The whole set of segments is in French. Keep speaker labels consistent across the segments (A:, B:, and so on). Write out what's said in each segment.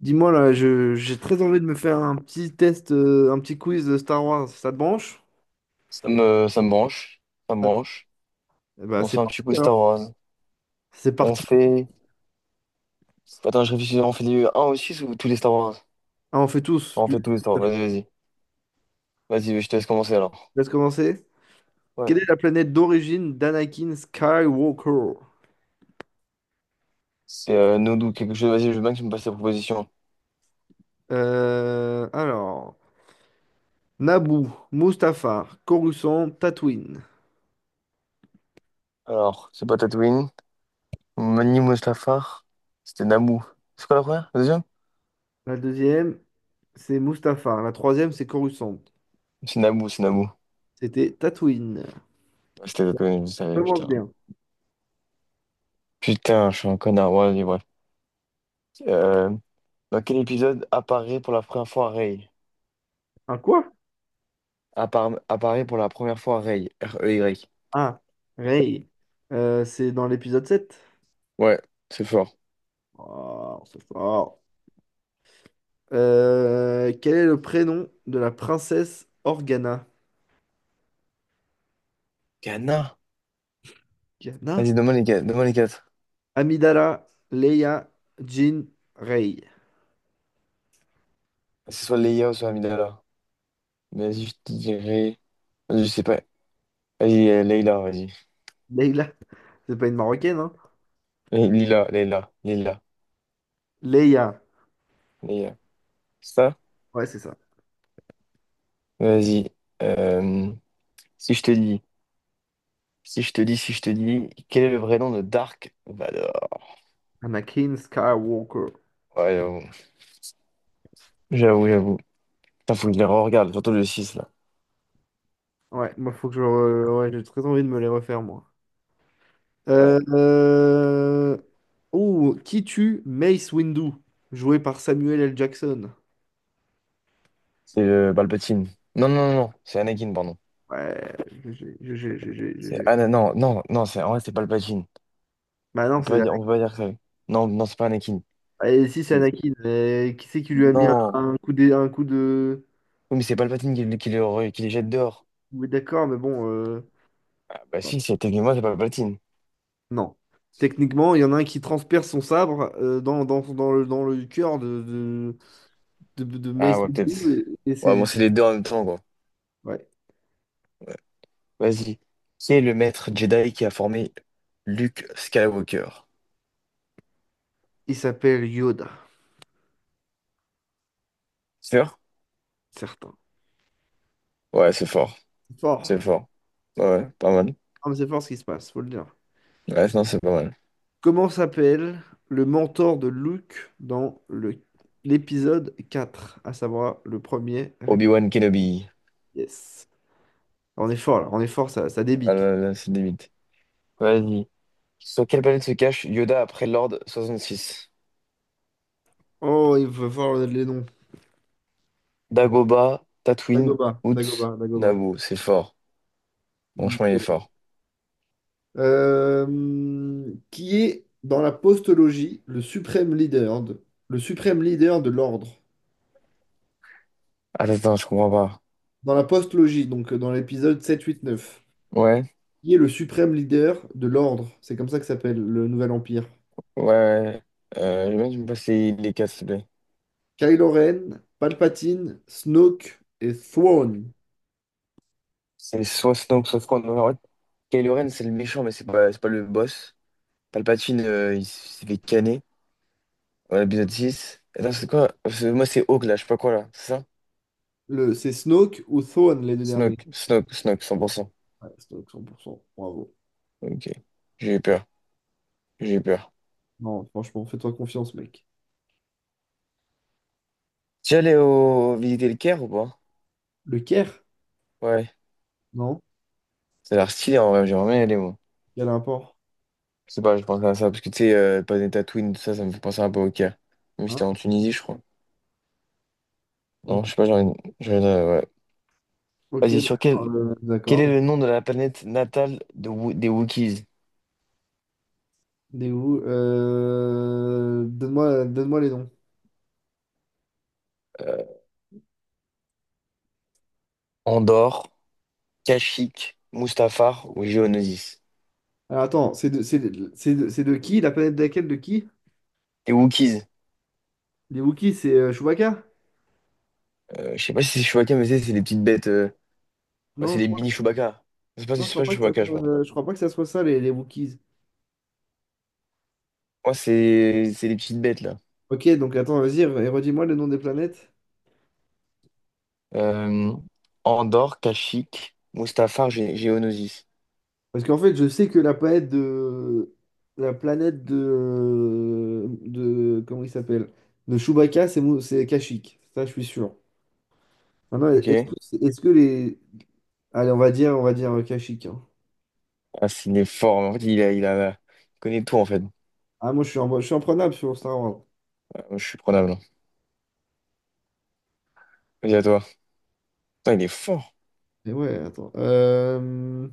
A: Dis-moi là, j'ai très envie de me faire un petit test, un petit quiz de Star Wars. Ça te branche?
B: Ça me branche. Ça me
A: Ouais.
B: branche.
A: Eh ben,
B: On se
A: c'est
B: fait un
A: parti
B: petit coup
A: alors.
B: Star Wars.
A: C'est
B: On
A: parti.
B: fait. Attends, je réfléchis. On fait du un ou 6 ou tous les Star Wars?
A: Ah, on fait tous.
B: On fait
A: Du...
B: tous les Star Wars. Vas-y, vas-y. Vas-y, je te laisse commencer alors.
A: Laisse commencer.
B: Ouais.
A: Quelle est la planète d'origine d'Anakin Skywalker?
B: C'est Nodou, quelque chose. Vas-y, je veux bien que tu me passes tes propositions.
A: Euh, alors, Naboo, Mustafar, Coruscant, Tatooine.
B: Alors, c'est pas Tatooine. Mani Mustafar. C'était Naboo. C'est quoi la première? La deuxième?
A: La deuxième, c'est Mustafar. La troisième, c'est Coruscant.
B: C'est Naboo, c'est Naboo.
A: C'était Tatooine.
B: Ouais, c'était Tatooine, je savais,
A: Ça commence
B: putain.
A: bien.
B: Putain, je suis un connard. Ouais, vas-y, bref. Euh, Dans quel épisode apparaît pour la première fois Rey?
A: Un quoi?
B: Apparaît pour la première fois Rey. R-E-Y.
A: Ah, Rey. C'est dans l'épisode 7.
B: Ouais, c'est fort.
A: Oh, c'est fort. Quel est le prénom de la princesse Organa?
B: Ghana.
A: Organa?
B: Vas-y, donne-moi les quatre. Donne-moi les quatre.
A: Amidala, Leia, Jean, Rey.
B: C'est soit Leia ou soit Amidala. Mais vas-y, je te dirais. Vas-y, je sais pas. Vas-y, Leila, vas-y.
A: Leila, c'est pas une Marocaine, hein?
B: Lila, Leila, Lila,
A: Leia,
B: Leila. Ça?
A: ouais, c'est ça.
B: Vas-y. Euh, si je te dis, si je te dis, si je te dis, quel est le vrai nom de Dark Vador?
A: Anakin Skywalker.
B: Ouais, j'avoue. J'avoue, j'avoue. Putain, faut que je les re-regarde, surtout le 6 là.
A: Ouais, moi, faut que je... Ouais, j'ai très envie de me les refaire, moi. Euh,
B: Ouais.
A: euh, Oh, qui tue Mace Windu? Joué par Samuel L. Jackson.
B: C'est le Palpatine. Non, non, non, non, c'est Anakin, pardon.
A: Ouais, GG, GG, GG, GG.
B: Non, non, non, c'est en vrai, c'est Palpatine.
A: Bah
B: On
A: non,
B: peut
A: c'est
B: pas dire, on peut pas dire ça. Non, non, c'est pas Anakin.
A: Et si c'est
B: C'est-
A: Anakin, mais qui c'est qui lui a mis
B: Non.
A: un coup un coup de...
B: Oui, mais c'est Palpatine qui les jette dehors.
A: Oui, d'accord, mais bon,
B: Ah, bah si, c'est techniquement, c'est Palpatine.
A: non. Techniquement, il y en a un qui transperce son sabre dans le cœur de Mace
B: Ah, ouais, peut-être.
A: Windu, et
B: Ouais, bon,
A: c'est...
B: c'est les deux en même temps, quoi.
A: Ouais.
B: Vas-y. Qui est le maître Jedi qui a formé Luke Skywalker?
A: Il s'appelle Yoda,
B: Sûr?
A: certain.
B: Ouais, c'est fort.
A: C'est
B: C'est
A: fort.
B: fort. Ouais, pas mal.
A: Ah, mais c'est fort ce qui se passe, faut le dire.
B: Ouais, non, c'est pas mal.
A: Comment s'appelle le mentor de Luke l'épisode 4, à savoir le premier épisode?
B: Obi-Wan Kenobi.
A: Yes. On est fort là, on est fort, ça
B: Ah
A: débite.
B: là là, c'est limite. Vas-y. Sur quelle planète se cache Yoda après l'Ordre 66?
A: Oh, il va falloir les noms.
B: Dagoba, Tatooine, Utz,
A: Dagoba.
B: Naboo. C'est fort. Franchement, il est fort.
A: Qui est dans la postologie le suprême leader de l'ordre.
B: Attends, attends, je comprends pas.
A: Dans la postologie, donc dans l'épisode 7 8 9.
B: Ouais,
A: Qui est le suprême leader de l'ordre? C'est comme ça que s'appelle le Nouvel Empire.
B: ouais, ouais. Je veux bien que tu me passes les quatre, s'il te plaît.
A: Kylo Ren, Palpatine, Snoke et Thrawn.
B: C'est soit Snoke, soit Snoke. En fait, Kylo Ren, c'est le méchant, mais c'est pas le boss. Palpatine, il s'est fait canner. Ouais, épisode six. Attends, c'est quoi? Moi, c'est Hawk, là, je sais pas quoi, là. C'est ça?
A: Le, c'est Snoke ou Thrawn les deux derniers.
B: Snoke, Snoke, Snoke, 100%.
A: Ouais, Snoke 100%. Bravo.
B: Ok. J'ai eu peur. J'ai eu peur.
A: Non, franchement, fais-toi confiance, mec.
B: Tu es allé au... visiter le Caire ou pas?
A: Le Caire?
B: Ouais.
A: Non?
B: Ça a l'air stylé, en vrai. J'aimerais bien y aller, moi.
A: Il y a l'import.
B: Je sais pas, je pense à ça, parce que tu sais, pas des Tatooine, tout ça, ça me fait penser un peu au Caire. Mais c'était
A: Hein?
B: en Tunisie, je crois.
A: Ok,
B: Non, je sais pas, ouais.
A: ok,
B: Vas-y,
A: d'accord.
B: quel est
A: D'accord.
B: le nom de la planète natale de des Wookiees?
A: Des où? Donne-moi les noms.
B: Euh, Andorre, Kashyyyk, Mustafar ou Géonosis?
A: Alors attends, c'est de qui? La planète de laquelle de qui?
B: Les Wookiees,
A: Les Wookiees, c'est Chewbacca?
B: je sais pas si c'est Chewbacca, mais c'est les petites bêtes, bah,
A: Non,
B: c'est
A: je
B: les
A: crois,
B: mini Chewbacca.
A: non, je
B: C'est pas
A: crois pas que ça
B: Chewbacca, je
A: soit,
B: pense.
A: je crois pas que ça soit ça, les Wookiees.
B: Moi, c'est les petites bêtes, là.
A: Ok, donc attends, vas-y, redis-moi le nom des planètes.
B: Euh, Andorre, Kashyyyk, Mustafar, Géonosis.
A: Parce qu'en fait, je sais que la planète de. La planète de. De comment il s'appelle? De Chewbacca, c'est c'est Kashyyyk. Ça, je suis sûr. Maintenant,
B: Ok.
A: est-ce que les, allez, on va dire Kashyyyk. Hein.
B: Ah, s'il est fort. En fait, il connaît tout, en fait.
A: Ah, moi, je suis, je suis imprenable sur Star Wars.
B: Ah, moi, je suis prenable. Vas-y, à toi. Putain, il est fort.
A: Et ouais, attends.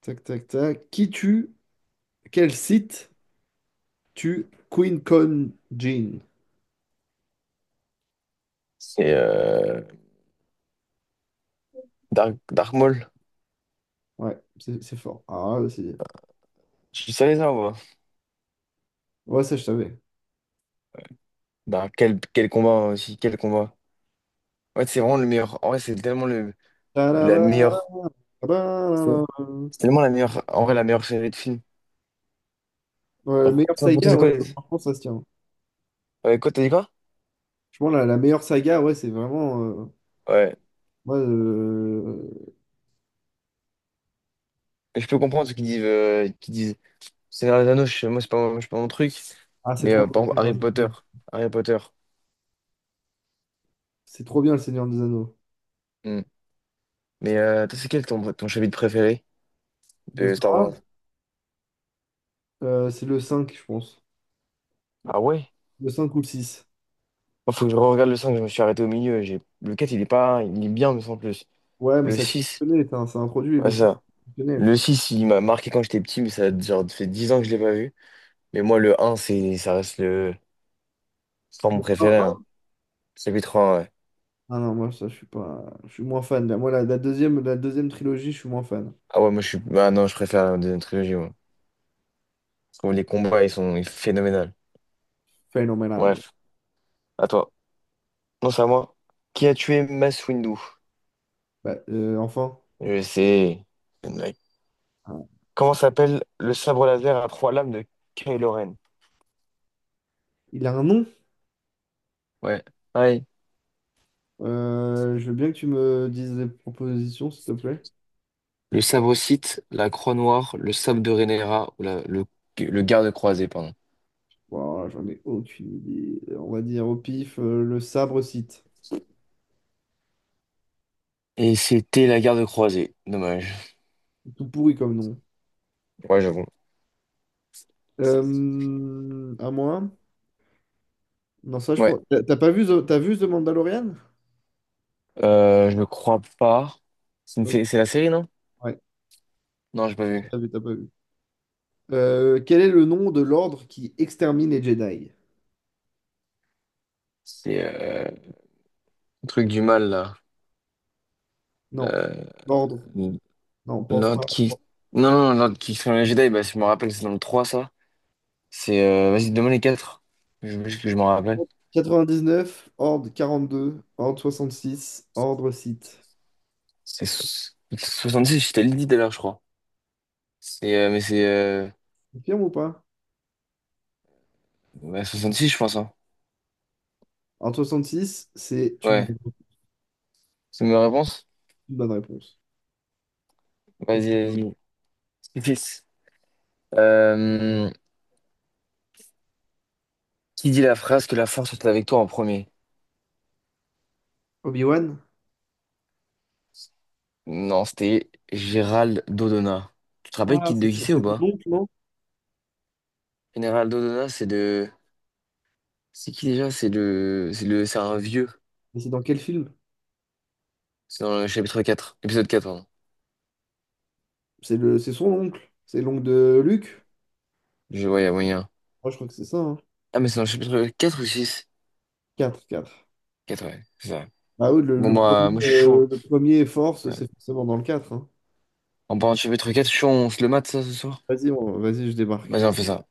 A: Tac, tac, tac. Quel site tue Queen Con Jean?
B: C'est Dark Maul.
A: Ouais, c'est fort. Ah, là, c'est...
B: Tu savais ça, ou pas?
A: Ouais, ça, je savais.
B: Quel, quel combat hein, aussi, quel combat. En fait, c'est vraiment le meilleur. En vrai, la
A: Tararara,
B: meilleure. C'est
A: tararara.
B: c'est tellement la meilleure. En vrai, la meilleure série de films.
A: Ouais, la
B: Genre,
A: meilleure
B: toi, pour toi,
A: saga,
B: c'est
A: ouais,
B: quoi? Les...
A: franchement, ça se tient.
B: ouais, quoi, t'as dit quoi?
A: Je pense la meilleure saga, ouais, c'est vraiment...
B: Ouais.
A: ouais, euh,
B: Mais je peux comprendre ceux qui disent Seigneur des Anneaux. Moi, c'est pas mon truc.
A: Ah, c'est
B: Mais
A: trop bien,
B: par
A: le
B: exemple,
A: Seigneur
B: Harry
A: des
B: Potter.
A: Anneaux.
B: Harry Potter.
A: C'est trop bien, le Seigneur des Anneaux.
B: Hmm. Mais toi, ton chapitre préféré?
A: De
B: De
A: Star
B: Star Wars.
A: Wars, c'est le 5, je pense.
B: Ah ouais?
A: Le 5 ou le 6.
B: Il faut que je regarde le 5, je me suis arrêté au milieu. J'ai... le 4 il est pas... il est bien, me semble plus.
A: Ouais, mais
B: Le
A: ça
B: 6
A: connaît, ça introduit le
B: ouais,
A: site.
B: ça.
A: Connaît.
B: Le 6 il m'a marqué quand j'étais petit, mais ça a genre fait 10 ans que je l'ai pas vu. Mais moi, le un c'est... ça reste le... c'est pas mon
A: Ah
B: préféré. Hein.
A: ah.
B: Chapitre 1, ouais.
A: Ah non, moi, ça, je suis pas. Je suis moins fan. Moi, la deuxième trilogie, je suis moins fan.
B: Ah ouais, moi, je suis. Ah non, je préfère la deuxième trilogie, moi. Je trouve les combats, ils sont phénoménaux.
A: Phénoménal.
B: Bref, à toi. Non, c'est à moi. Qui a tué Mace Windu?
A: Bah, enfin,
B: Je sais. Mec.
A: ah,
B: Comment s'appelle le sabre laser à trois lames de Kylo Ren?
A: il a un nom.
B: Ouais. Ouais,
A: Je veux bien que tu me dises des propositions, s'il te plaît.
B: le sabre-cite, la croix noire, le sabre de Rennera ou le garde croisé, pardon.
A: Wow, j'en ai aucune idée. On va dire au pif, le sabre site.
B: Et c'était la garde croisée. Dommage.
A: Tout pourri comme nom.
B: Ouais, j'avoue.
A: À moi? Non, ça, je
B: Ouais.
A: pense. T'as pas vu, t'as vu The Mandalorian?
B: Je ne crois pas. C'est la série, non?
A: Ouais,
B: Non, j'ai pas vu.
A: t'as pas vu. Quel est le nom de l'ordre qui extermine les Jedi?
B: C'est le truc du mal, là.
A: Non.
B: Euh,
A: L'ordre. Non, pense
B: Lord
A: pas.
B: qui... Non, non, non, Lord Kingsman les Jedi, bah, si je me rappelle, c'est dans le 3 ça. Vas-y, donne-moi les 4. Je veux juste que je m'en rappelle.
A: Quatre-vingt-dix-neuf, Ordre 42, Ordre soixante-six, Ordre Sith.
B: C'est so- Six je t'ai dit tout à l'heure, je crois. C'est... euh, mais c'est... euh,
A: Confirme ou pas?
B: Bah, 66, je pense, hein.
A: Ordre soixante-six, c'est
B: Ouais. C'est ma réponse?
A: une bonne réponse. C'est
B: Vas-y,
A: une-
B: vas-y. Fils. Euh, qui dit la phrase que la force est avec toi en premier?
A: Obi-Wan?
B: Non, c'était Gérald Dodona. Tu te rappelles
A: Ah,
B: de qui c'est ou
A: c'est ton
B: pas?
A: oncle, non?
B: Gérald Dodona, c'est de... C'est qui déjà? C'est le... c'est un vieux.
A: Mais c'est dans quel film?
B: C'est dans le chapitre quatre. Épisode 4, pardon.
A: C'est le, c'est son oncle. C'est l'oncle de Luke?
B: Je voyais moyen.
A: Moi, je crois que c'est ça. Hein.
B: Ah, mais c'est dans le chapitre 4 ou six?
A: Quatre. 4.
B: Quatre ouais. C'est ça.
A: Ah oui,
B: Bon, bah, moi, je suis chaud.
A: le premier Force,
B: Ouais.
A: c'est forcément dans le 4. Hein.
B: En parlant de chapitre quatre, je suis chaud, on se le mate, ça, ce soir?
A: Vas-y, vas-y, je
B: Vas-y,
A: débarque.
B: on fait ça.